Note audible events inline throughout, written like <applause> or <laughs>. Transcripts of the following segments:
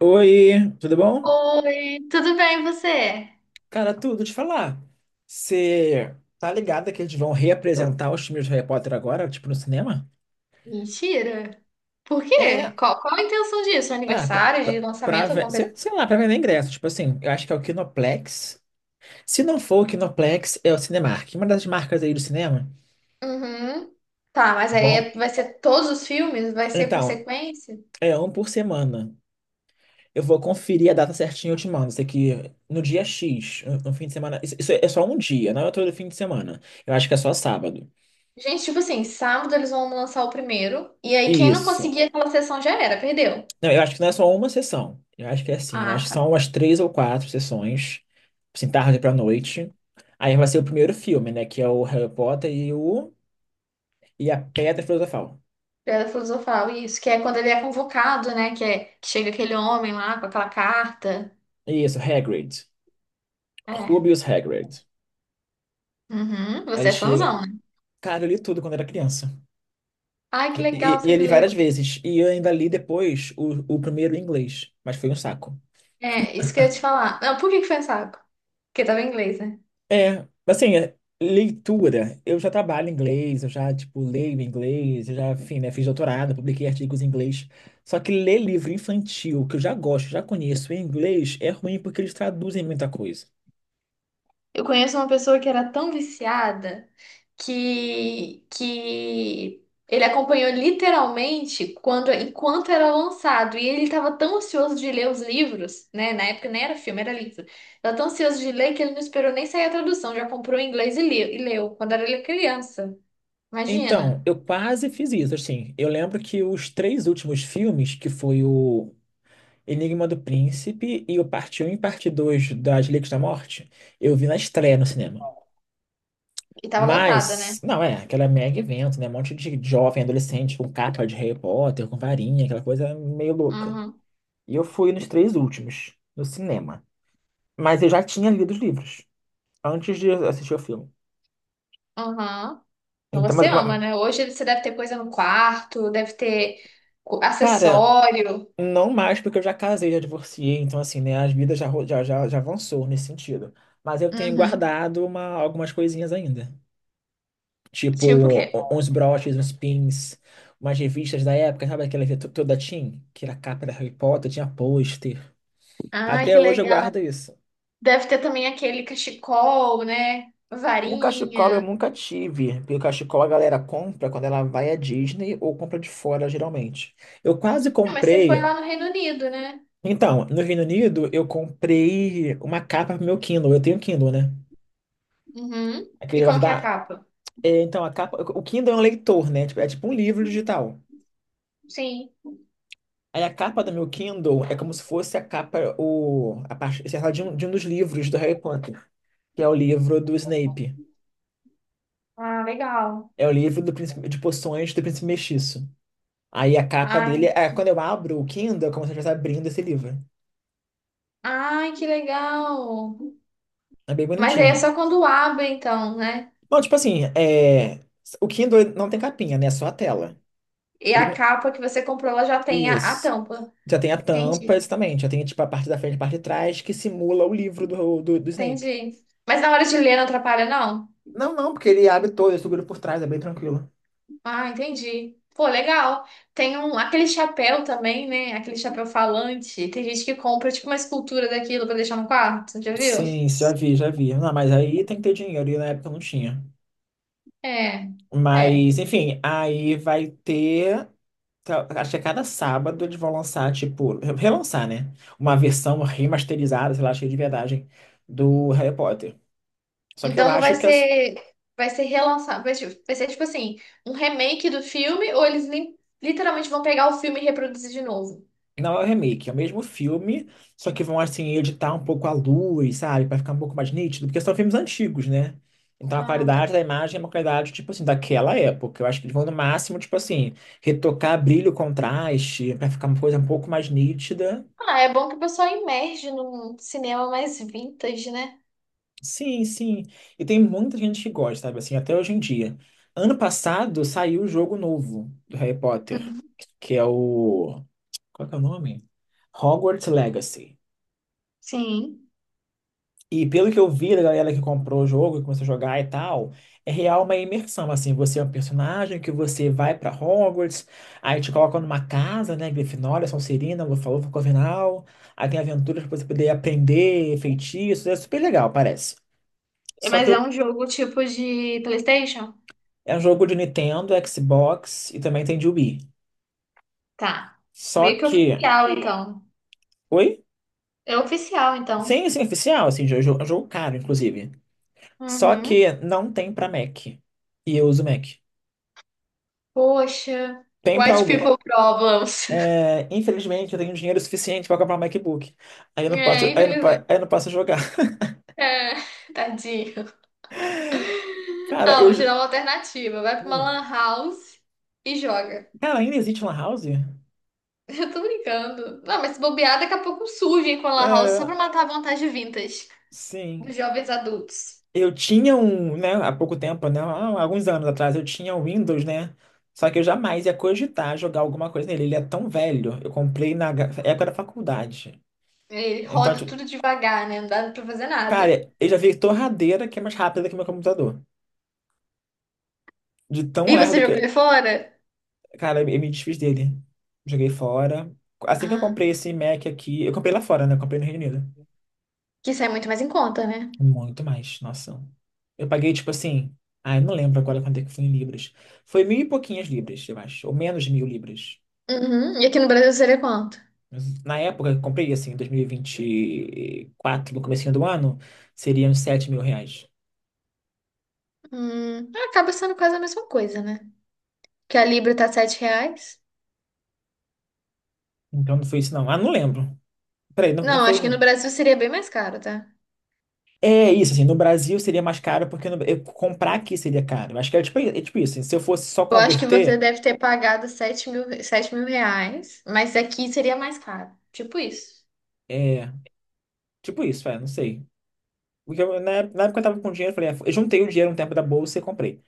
Oi, tudo bom? Oi, tudo bem e você? Cara, tudo te falar. Você tá ligado que eles vão reapresentar os filmes do Harry Potter agora, tipo, no cinema? Mentira. Por quê? É, Qual a intenção disso? ah, Aniversário de lançamento, alguma coisa? Assim? sei lá, pra vender ingresso. Tipo assim, eu acho que é o Kinoplex. Se não for o Kinoplex, é o Cinemark. Uma das marcas aí do cinema. Uhum. Tá, mas aí Bom, vai ser todos os filmes? Vai ser por então, sequência? é um por semana. Eu vou conferir a data certinha e eu te mando. Isso aqui no dia X, no fim de semana. Isso é só um dia, não é todo fim de semana. Eu acho que é só sábado. Gente, tipo assim, sábado eles vão lançar o primeiro. E aí quem não Isso. conseguir aquela sessão já era, perdeu. Não, eu acho que não é só uma sessão. Eu acho que é assim. Eu Ah, acho que tá. são umas três ou quatro sessões, assim, tarde pra noite. Aí vai ser o primeiro filme, né? Que é o Harry Potter e o, e a Pedra Filosofal. Pedra filosofal, isso. Que é quando ele é convocado, né? Que chega aquele homem lá com aquela carta. Isso, Hagrid. É. Rubius Hagrid. Uhum. Aí Você ele é chega. fãzão, né? Cara, eu li tudo quando era criança. Ai, E, que legal, e, e você eu li leu. várias vezes. E eu ainda li depois o primeiro em inglês. Mas foi um saco. É, isso que eu ia te falar. Não, por que que foi um saco? Porque tava em inglês, né? É, assim, leitura. Eu já trabalho em inglês, eu já, tipo, leio em inglês, eu já, enfim, né, fiz doutorado, publiquei artigos em inglês. Só que ler livro infantil, que eu já gosto, já conheço em inglês, é ruim porque eles traduzem muita coisa. Eu conheço uma pessoa que era tão viciada que ele acompanhou literalmente quando, enquanto era lançado. E ele estava tão ansioso de ler os livros, né? Na época nem era filme, era livro. Tava tão ansioso de ler que ele não esperou nem sair a tradução, já comprou em inglês e leu, quando era ele criança. Então, Imagina. eu quase fiz isso, assim. Eu lembro que os três últimos filmes, que foi o Enigma do Príncipe e o Parte Um e Parte 2 das Relíquias da Morte, eu vi na estreia no cinema. E tava lotada, Mas, né? não, é, aquela mega evento, né? Um monte de jovem, adolescente com capa de Harry Potter, com varinha, aquela coisa meio louca. Uhum. E eu fui nos três últimos, no cinema. Mas eu já tinha lido os livros antes de assistir o filme. Uhum. Então, Então, você ama, né? Hoje você deve ter coisa no quarto, deve ter cara, acessório. não mais porque eu já casei, já divorciei, então assim, né? As vidas já, ro- já, já, já avançou nesse sentido. Mas eu tenho Uhum. guardado algumas coisinhas ainda. Tipo, Tipo o quê? Uns broches, uns pins, umas revistas da época, sabe aquela revista toda teen? Que era a capa da Harry Potter, tinha pôster. Ai, que Até hoje eu legal. guardo isso. Deve ter também aquele cachecol, né? O cachecol eu Varinha. nunca tive, porque o cachecol a galera compra quando ela vai à Disney ou compra de fora, geralmente. Eu quase Ah, mas você comprei. foi lá no Reino Unido, né? Então, no Reino Unido, eu comprei uma capa pro meu Kindle. Eu tenho Kindle, né? Uhum. Aquele E negócio como que é a da. capa? É, então, A capa. O Kindle é um leitor, né? Tipo, é tipo um livro digital. Sim. Aí a capa do meu Kindle é como se fosse a capa, a parte, sei lá, de um dos livros do Harry Potter, que é o livro do Snape. Ah, legal. É o livro do príncipe, de poções do príncipe mestiço. Aí a capa dele Ai, é quando eu abro o Kindle, é como se eu estivesse abrindo esse livro. ai, que legal. É bem Mas aí é bonitinho. só quando abre, então, né? Bom, tipo assim, o Kindle ele não tem capinha, né? É só a tela. E Ele a não- capa que você comprou, ela já tem a isso. tampa. Já tem a tampa, Entendi, exatamente. Já tem tipo a parte da frente e a parte de trás que simula o livro do Snape. entendi. Mas na hora de ler não atrapalha, não? Não, não, porque ele abre todo, ele segura por trás, é bem tranquilo. Ah, entendi. Pô, legal. Tem um, aquele chapéu também, né? Aquele chapéu falante. Tem gente que compra tipo uma escultura daquilo pra deixar no quarto, já viu? Sim, já vi, já vi. Não, mas aí tem que ter dinheiro, e na época não tinha. É, é. Mas, enfim, aí vai ter. Tá, acho que a cada sábado eles vão lançar, tipo, relançar, né? Uma versão remasterizada, sei lá, cheia de verdade, do Harry Potter. Só que eu Então não vai acho que é. ser, vai ser relançado, vai ser, tipo assim, um remake do filme ou eles literalmente vão pegar o filme e reproduzir de novo? Não é o remake, é o mesmo filme, só que vão assim editar um pouco a luz, sabe, pra ficar um pouco mais nítido, porque são filmes antigos, né? Então a Ah, tá. qualidade da imagem é uma qualidade tipo assim daquela época. Eu acho que eles vão no máximo tipo assim retocar brilho, contraste, pra ficar uma coisa um pouco mais nítida. Ah, é bom que o pessoal emerge num cinema mais vintage, né? Sim, sim. E tem muita gente que gosta, sabe, assim, até hoje em dia. Ano passado saiu o jogo novo do Harry Potter, Uhum. que é o qual que é o nome? Hogwarts Legacy. Sim. E pelo que eu vi da galera que comprou o jogo, que começou a jogar e tal, é real uma imersão, assim, você é um personagem que você vai pra Hogwarts, aí te colocam numa casa, né, Grifinória, Sonserina, Lufa-Lufa, Corvinal, aí tem aventuras pra você poder aprender, feitiços, é super legal, parece. É, Só que mas é eu- um jogo tipo de PlayStation? é um jogo de Nintendo, Xbox e também tem de Wii. Tá. Só Meio que que. oficial, então. Oi? É oficial, então. Sim, sim, oficial, assim, é um jogo caro, inclusive. Só Uhum. que não tem pra Mac. E eu uso Mac. Poxa. Tem pra. White people problems. <laughs> É, infelizmente, eu tenho dinheiro suficiente para comprar um MacBook. Aí eu não posso, É, infelizmente. aí eu não posso jogar. <laughs> É, <laughs> tadinho. Cara, Ah, eu. vou te j- dar uma alternativa. Vai pra uma Hum. lan house e joga. Cara, ainda existe Lan House? <laughs> Eu tô brincando. Não, mas se bobear, daqui a pouco surgem com a lan house só É, pra matar a vontade vintage sim. dos jovens adultos. Eu tinha um, né, há pouco tempo, né, há alguns anos atrás, eu tinha um Windows, né? Só que eu jamais ia cogitar jogar alguma coisa nele. Ele é tão velho. Eu comprei época da faculdade. Ele Então, roda tipo, tudo devagar, né? Não dá pra fazer nada. cara, eu já vi torradeira que é mais rápida que meu computador. De tão E você lerdo jogou que. ele fora? Cara, eu me desfiz dele. Joguei fora. Assim que eu Ah, comprei esse Mac aqui, eu comprei lá fora, né? Eu comprei no Reino Unido. que isso é muito mais em conta, né? Muito mais, nossa. Eu paguei, tipo assim, ai, não lembro agora quanto é que foi em libras. Foi mil e pouquinhas libras, eu acho, ou menos de mil libras. Uhum. E aqui no Brasil seria quanto? Mas na época que eu comprei, assim, em 2024 no comecinho do ano, seria uns R$ 7.000. É, acaba sendo quase a mesma coisa, né? Que a Libra tá 7 reais. Então não foi isso, não. Ah, não lembro. Peraí, não, não Não, foi. acho que no Brasil seria bem mais caro, tá? É isso, assim, no Brasil. Eu acho que você deve ter pagado 7 mil, 7 mil reais, mas aqui seria mais caro. Tipo isso. É, tipo isso, é, não sei. Na época eu tava com dinheiro, eu falei, é, eu juntei o dinheiro um tempo da bolsa e comprei.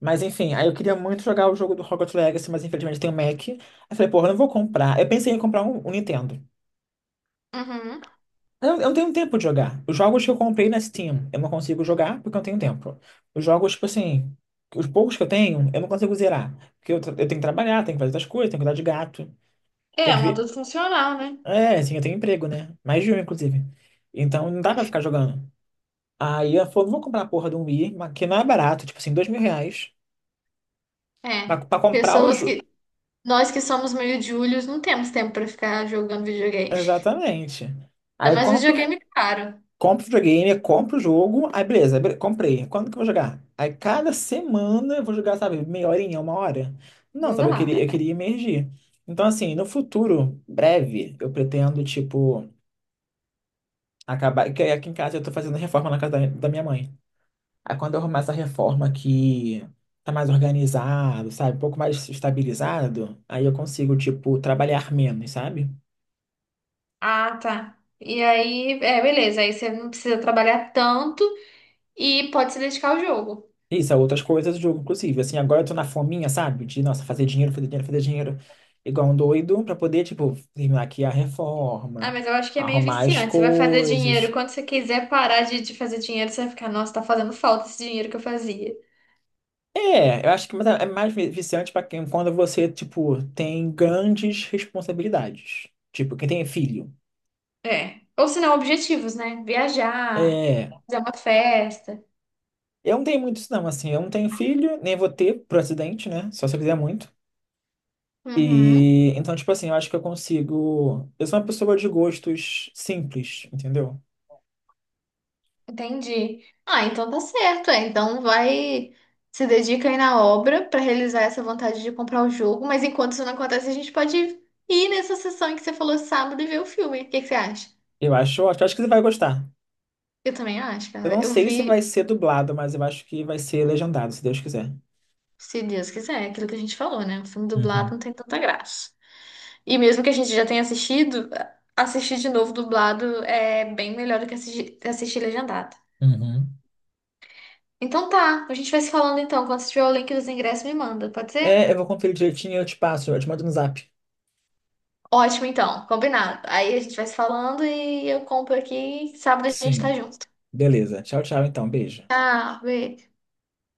Mas enfim, aí eu queria muito jogar o jogo do Hogwarts Legacy, mas infelizmente tem o Mac. Aí eu falei, porra, eu não vou comprar. Eu pensei em comprar um Nintendo. Uhum. Eu não tenho um tempo de jogar. Os jogos que eu comprei na Steam, eu não consigo jogar porque eu não tenho tempo. Os jogos, tipo assim, os poucos que eu tenho, eu não consigo zerar. Porque eu tenho que trabalhar, tenho que fazer outras coisas, tenho que cuidar de gato, tenho É, que um ver. adulto funcional, né? É, assim, eu tenho emprego, né? Mais de um, inclusive. Então não dá pra ficar jogando. Aí ela falou, não vou comprar a porra de um Wii, mas que não é barato, tipo assim, R$ 2.000 pra, É. pra comprar o Pessoas jogo. que. Nós que somos meio júlios, não temos tempo pra ficar jogando videogame. Exatamente. Aí Ainda eu mais compro, videogame caro. compro o videogame, compro o jogo, aí beleza, comprei. Quando que eu vou jogar? Aí cada semana eu vou jogar, sabe, meia horinha, uma hora. Não, Não sabe, eu dá, queria, eu cara. queria emergir. Então, assim, no futuro, breve, eu pretendo, tipo, acabar. Que Aqui em casa eu tô fazendo reforma na casa da minha mãe. Aí quando eu arrumar essa reforma que tá mais organizado, sabe? Um pouco mais estabilizado, aí eu consigo, tipo, trabalhar menos, sabe? Ah, tá. E aí, é, beleza. Aí você não precisa trabalhar tanto e pode se dedicar ao jogo. Isso, é outras coisas do jogo, inclusive. Assim, agora eu tô na fominha, sabe? De, nossa, fazer dinheiro, fazer dinheiro, fazer dinheiro. Igual um doido, pra poder, tipo, terminar aqui a Ah, reforma, mas eu acho que é meio arrumar as viciante. Você vai fazer dinheiro. coisas. Quando você quiser parar de fazer dinheiro, você vai ficar, nossa, tá fazendo falta esse dinheiro que eu fazia. É, eu acho que mas é mais viciante pra quem, quando você, tipo, tem grandes responsabilidades. Tipo, quem tem filho. É. Ou se não, objetivos, né? Viajar, É. fazer uma festa. Eu não tenho muito isso, não, assim, eu não tenho filho, nem vou ter, por acidente, né? Só se eu quiser muito. Uhum, E então, tipo assim, eu acho que eu consigo. Eu sou uma pessoa de gostos simples, entendeu? entendi. Ah, então tá certo. É. Então vai, se dedica aí na obra pra realizar essa vontade de comprar o jogo. Mas enquanto isso não acontece, a gente pode ir nessa sessão em que você falou sábado e ver o filme. O que que você acha? Eu acho que você vai gostar. Eu também acho, Eu cara. não Eu sei se vi. vai ser dublado, mas eu acho que vai ser legendado, se Deus quiser. Se Deus quiser, é aquilo que a gente falou, né? O filme dublado Uhum, não tem tanta graça. E mesmo que a gente já tenha assistido, assistir de novo dublado é bem melhor do que assistir, assistir legendado. uhum. Então tá, a gente vai se falando então. Quando tiver o link dos ingressos, me manda, pode ser? É, eu vou conferir direitinho e eu te passo, eu te mando no zap. Ótimo, então, combinado. Aí a gente vai se falando e eu compro aqui. E sábado a gente tá Sim. junto. Beleza. Tchau, tchau, então. Beijo. Tchau, beijo.